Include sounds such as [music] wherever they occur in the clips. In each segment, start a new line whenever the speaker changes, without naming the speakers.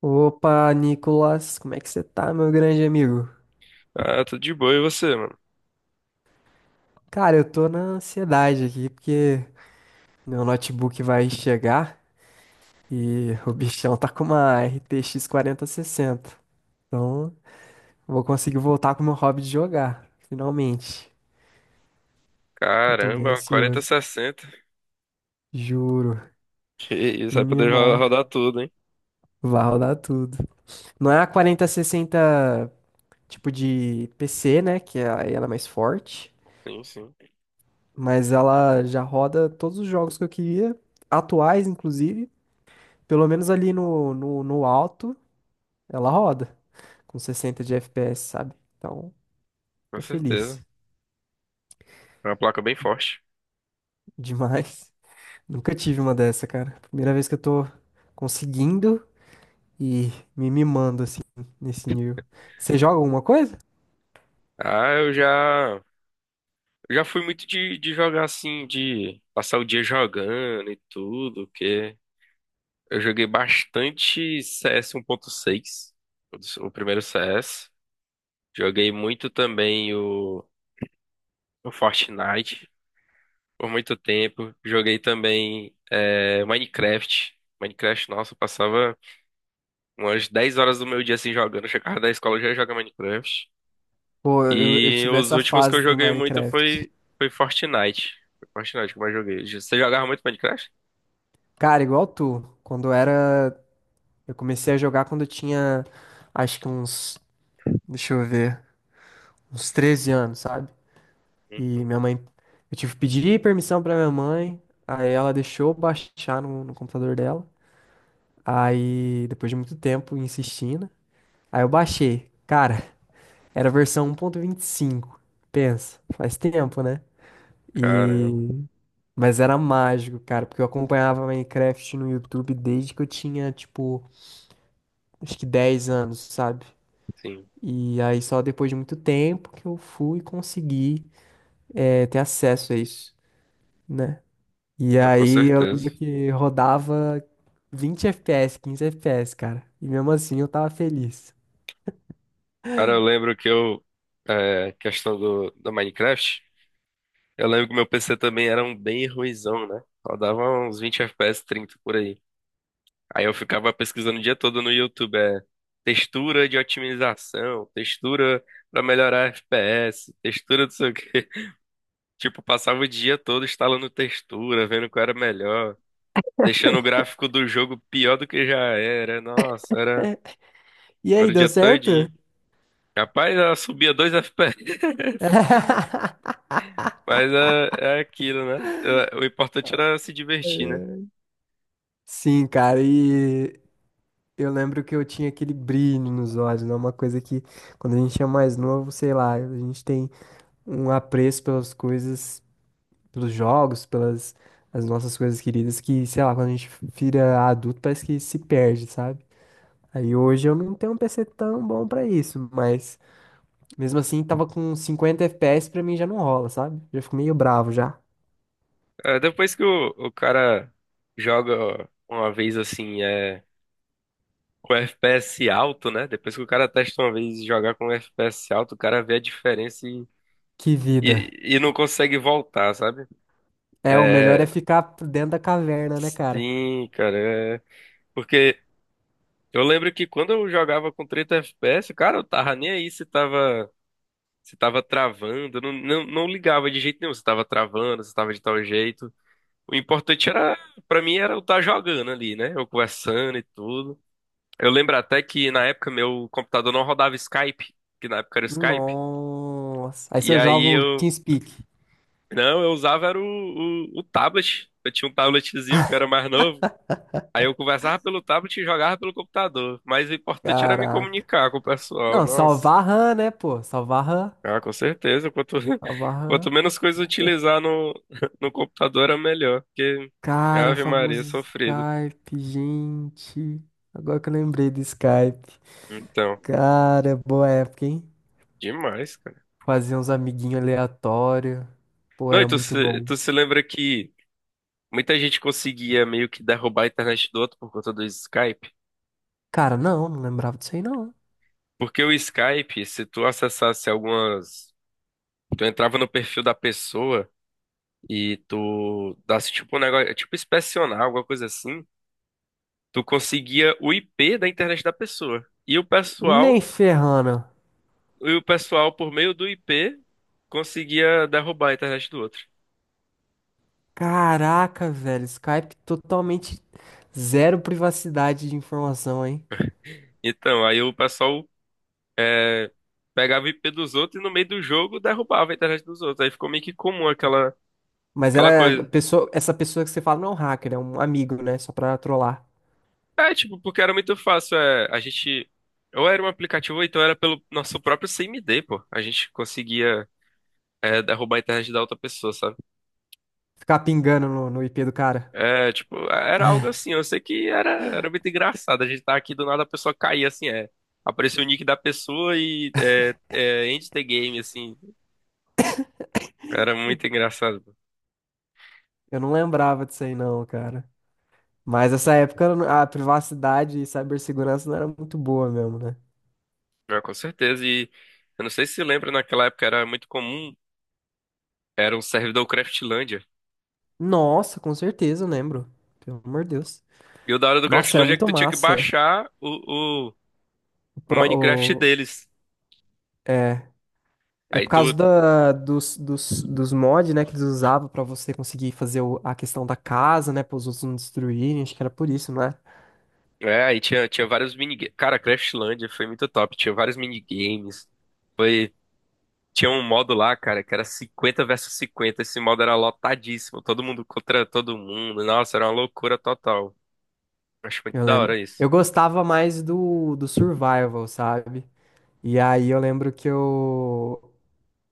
Opa, Nicolas, como é que você tá, meu grande amigo?
Ah, tudo de boa, e você, mano?
Cara, eu tô na ansiedade aqui porque meu notebook vai chegar e [laughs] o bichão tá com uma RTX 4060. Então, vou conseguir voltar com o meu hobby de jogar, finalmente. Então, tô bem
Caramba,
ansioso,
4060.
juro.
Que isso,
Me
vai poder rodar
mimar,
tudo, hein?
vai rodar tudo. Não é a 4060 tipo de PC, né? Que é, aí ela é mais forte.
Sim, sim,
Mas ela já roda todos os jogos que eu queria, atuais inclusive, pelo menos ali no alto, ela roda, com 60 de FPS, sabe? Então,
com
tô feliz
certeza. É uma placa bem forte.
demais. [laughs] Nunca tive uma dessa, cara. Primeira vez que eu tô conseguindo e me mimando assim, nesse nível. Você joga alguma coisa?
Ah, eu já fui muito de jogar assim, de passar o dia jogando e tudo, que eu joguei bastante CS 1.6, o primeiro CS. Joguei muito também o Fortnite, por muito tempo. Joguei também Minecraft. Minecraft, nossa, eu passava umas 10 horas do meu dia assim jogando. Eu chegava da escola eu já jogava Minecraft.
Pô, eu
E
tive
os
essa
últimos que eu
fase do
joguei muito
Minecraft.
foi Fortnite. Foi Fortnite que eu mais joguei. Você jogava muito Minecraft?
Cara, igual tu, quando eu era. Eu comecei a jogar quando eu tinha, acho que uns. Deixa eu ver. Uns 13 anos, sabe? E
Uhum.
minha mãe, eu tive que pedir permissão pra minha mãe, aí ela deixou eu baixar no computador dela. Aí, depois de muito tempo insistindo, aí eu baixei. Cara, era a versão 1.25. Pensa, faz tempo, né?
Caramba,
E mas era mágico, cara, porque eu acompanhava Minecraft no YouTube desde que eu tinha, tipo, acho que 10 anos, sabe?
sim,
E aí só depois de muito tempo que eu fui conseguir ter acesso a isso, né? E
ah, com
aí eu
certeza.
lembro que rodava 20 FPS, 15 FPS, cara. E mesmo assim eu tava feliz.
Cara, eu lembro que eu, questão do Minecraft, eu lembro que meu PC também era um bem ruinzão, né? Rodava uns 20 FPS, 30 por aí. Aí eu ficava pesquisando o dia todo no YouTube, textura de otimização, textura pra melhorar FPS, textura não sei o quê. [laughs] Tipo, passava o dia todo instalando textura, vendo qual era melhor, deixando o gráfico do jogo pior do que já era. Nossa, era,
[laughs] E aí,
era o
deu
dia
certo?
todinho. Capaz, ela subia dois FPS, [laughs] mas
[laughs]
é aquilo, né? É, o importante era se divertir, né?
Sim, cara, e eu lembro que eu tinha aquele brilho nos olhos, né? Uma coisa que quando a gente é mais novo, sei lá, a gente tem um apreço pelas coisas, pelos jogos, pelas as nossas coisas queridas, que, sei lá, quando a gente vira adulto, parece que se perde, sabe? Aí hoje eu não tenho um PC tão bom pra isso, mas mesmo assim tava com 50 FPS pra mim já não rola, sabe? Já fico meio bravo já.
É, depois que o cara joga uma vez assim, é. Com FPS alto, né? Depois que o cara testa uma vez e jogar com FPS alto, o cara vê a diferença e,
Que vida.
e, e não consegue voltar, sabe?
É, o melhor é
É,
ficar dentro da caverna, né, cara?
sim, cara. É. Porque eu lembro que quando eu jogava com 30 FPS, cara, eu tava nem aí se tava travando, eu não ligava de jeito nenhum se tava travando, se tava de tal jeito. O importante era, pra mim, era eu estar jogando ali, né? Eu conversando e tudo. Eu lembro até que na época meu computador não rodava Skype, que na época era o Skype.
Nossa. Aí se
E
eu
aí
jogo
eu.
TeamSpeak.
Não, eu usava era o tablet. Eu tinha um tabletzinho que eu era mais novo. Aí eu conversava pelo tablet e jogava pelo computador. Mas o importante era me
Caraca.
comunicar com o pessoal.
Não,
Nossa.
salvar RAM, né, pô? Salvar RAM.
Ah, com certeza. Quanto, [laughs]
Salvar
quanto
RAM.
menos coisa utilizar no, [laughs] no computador, era melhor. Porque
Cara,
Ave Maria,
famoso
sofrido.
Skype, gente. Agora que eu lembrei do Skype.
Então,
Cara, é boa época, hein?
demais, cara.
Fazia uns amiguinhos aleatórios. Pô,
Não, e
era
tu
muito
se,
bom.
tu se lembra que muita gente conseguia meio que derrubar a internet do outro por conta do Skype?
Cara, não, não lembrava disso aí, não.
Porque o Skype, se tu acessasse algumas. Tu entrava no perfil da pessoa e tu desse tipo um negócio, tipo inspecionar, alguma coisa assim. Tu conseguia o IP da internet da pessoa. E o pessoal,
Nem ferrando.
e o pessoal por meio do IP conseguia derrubar a internet do outro.
Caraca, velho, Skype totalmente zero privacidade de informação, hein?
Então, aí o pessoal é, pegava o IP dos outros e no meio do jogo derrubava a internet dos outros. Aí ficou meio que comum aquela,
Mas
aquela
era a
coisa.
pessoa, essa pessoa que você fala não é um hacker, é um amigo, né? Só pra trollar.
É, tipo, porque era muito fácil. É, a gente. Ou era um aplicativo, ou então era pelo nosso próprio CMD, pô. A gente conseguia. É, derrubar a internet da outra pessoa, sabe?
Ficar pingando no IP do cara.
É, tipo, era algo assim, eu sei que era muito engraçado. A gente tá aqui, do nada a pessoa caía, assim, é. Apareceu o nick da pessoa e end the game, assim. Era muito engraçado.
Eu não lembrava disso aí, não, cara. Mas essa época a privacidade e cibersegurança não era muito boa mesmo, né?
É, com certeza. E eu não sei se você lembra, naquela época era muito comum, era um servidor Craftlândia.
Nossa, com certeza, eu lembro. Pelo amor de Deus.
E o da hora do
Nossa, era
Craftlândia é que
muito
tu tinha que
massa.
baixar o, o,
O,
o
pro-
Minecraft
o-
deles.
é, é por
Aí
causa
tu.
da, dos mods, né, que eles usavam pra você conseguir fazer a questão da casa, né, para os outros não destruírem. Acho que era por isso, né?
É, aí tinha vários minigames. Cara, Craftlândia foi muito top. Tinha vários minigames. Foi Tinha um modo lá, cara, que era 50 versus 50. Esse modo era lotadíssimo. Todo mundo contra todo mundo. Nossa, era uma loucura total. Acho muito
Eu
da
lembro.
hora isso.
Eu gostava mais do survival, sabe? E aí eu lembro que eu,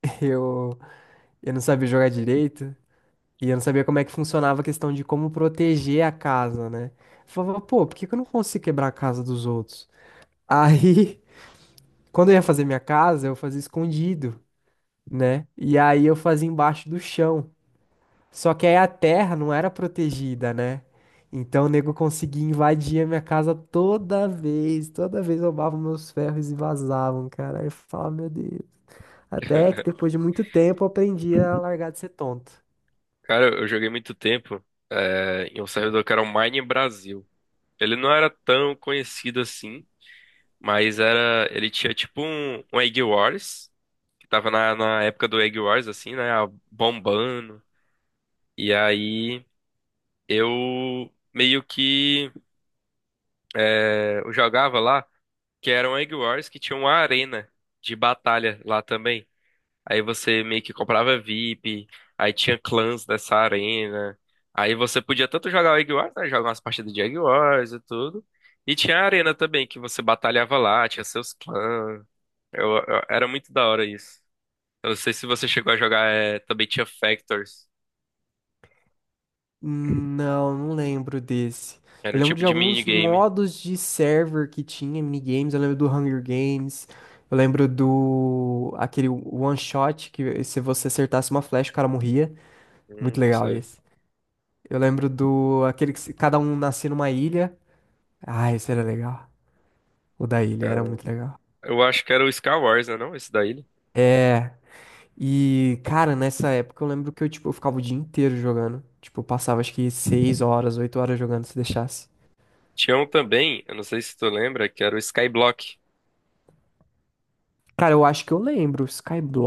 [laughs] eu, eu não sabia jogar direito e eu não sabia como é que funcionava a questão de como proteger a casa, né? Eu falava, pô, por que que eu não consigo quebrar a casa dos outros? [laughs] Aí quando eu ia fazer minha casa, eu fazia escondido, né? E aí eu fazia embaixo do chão. Só que aí a terra não era protegida, né? Então o nego conseguia invadir a minha casa toda vez roubavam meus ferros e vazavam, cara. Aí eu falava, meu Deus. Até que depois de muito tempo eu aprendi a largar de ser tonto.
Cara, eu joguei muito tempo, em um servidor que era o Mine Brasil. Ele não era tão conhecido assim, mas era. Ele tinha tipo um Egg Wars, que tava na época do Egg Wars, assim, né? Bombando. E aí eu meio que eu jogava lá. Que eram Egg Wars que tinha uma arena de batalha lá também. Aí você meio que comprava VIP, aí tinha clãs dessa arena. Aí você podia tanto jogar o Egg Wars, né, jogar umas partidas de Egg Wars e tudo. E tinha a arena também, que você batalhava lá, tinha seus clãs. Era muito da hora isso. Eu não sei se você chegou a jogar, também tinha Factors.
Não, não lembro desse.
Era
Eu
um
lembro
tipo
de
de
alguns
minigame.
modos de server que tinha, minigames. Eu lembro do Hunger Games. Eu lembro do... Aquele one shot que se você acertasse uma flecha, o cara morria. Muito
Não
legal
sei.
esse. Eu lembro do... Aquele que se- cada um nascia numa ilha. Ah, esse era legal. O da ilha
Cara,
era muito legal.
eu acho que era o Skywars, né, não? Esse daí.
É... E, cara, nessa época eu lembro que eu, tipo, eu ficava o dia inteiro jogando. Tipo, eu passava acho que 6 horas, 8 horas jogando se deixasse.
Tinha um também, eu não sei se tu lembra, que era o Skyblock.
Cara, eu acho que eu lembro.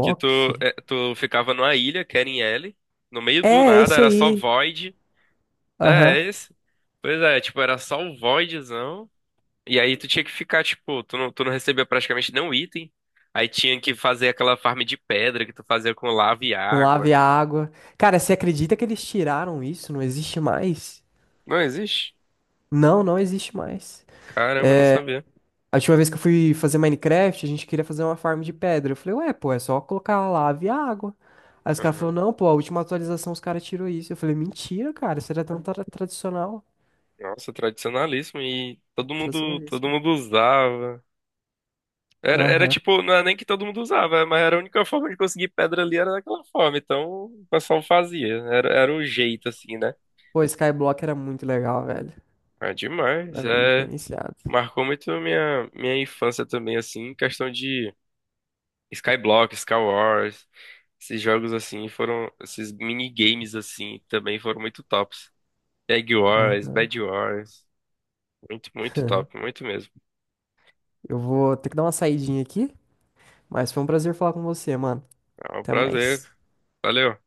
Que tu, é, tu ficava numa ilha, no meio do
É,
nada,
esse
era só
aí.
Void. É,
Aham.
é esse. Pois é, tipo, era só o Voidzão. E aí tu tinha que ficar, tipo, tu não, recebia praticamente nenhum item. Aí tinha que fazer aquela farm de pedra que tu fazia com lava e
Com lava e
água.
água. Cara, você acredita que eles tiraram isso? Não existe mais?
Não existe?
Não, não existe mais.
Caramba, não
É,
sabia.
a última vez que eu fui fazer Minecraft, a gente queria fazer uma farm de pedra. Eu falei, ué, pô, é só colocar lava e água. Aí os caras
Aham.
falaram, não, pô, a última atualização os caras tirou isso. Eu falei, mentira, cara, isso era tão tradicional.
Nossa, tradicionalíssimo. E todo
Tradicionalíssimo.
mundo usava. Era
Aham.
tipo, não era nem que todo mundo usava, mas era a única forma de conseguir pedra ali era daquela forma. Então o pessoal fazia. Era o jeito, assim, né?
Pô, Skyblock era muito legal, velho.
É demais.
Era bem
É,
diferenciado.
marcou muito minha infância também, assim, em questão de Skyblock, Skywars. Esses jogos assim foram. Esses minigames assim também foram muito tops. Egg Wars,
Aham.
Bad Wars. Muito, muito
[laughs]
top, muito mesmo.
Eu vou ter que dar uma saidinha aqui, mas foi um prazer falar com você, mano.
É um
Até
prazer.
mais.
Valeu.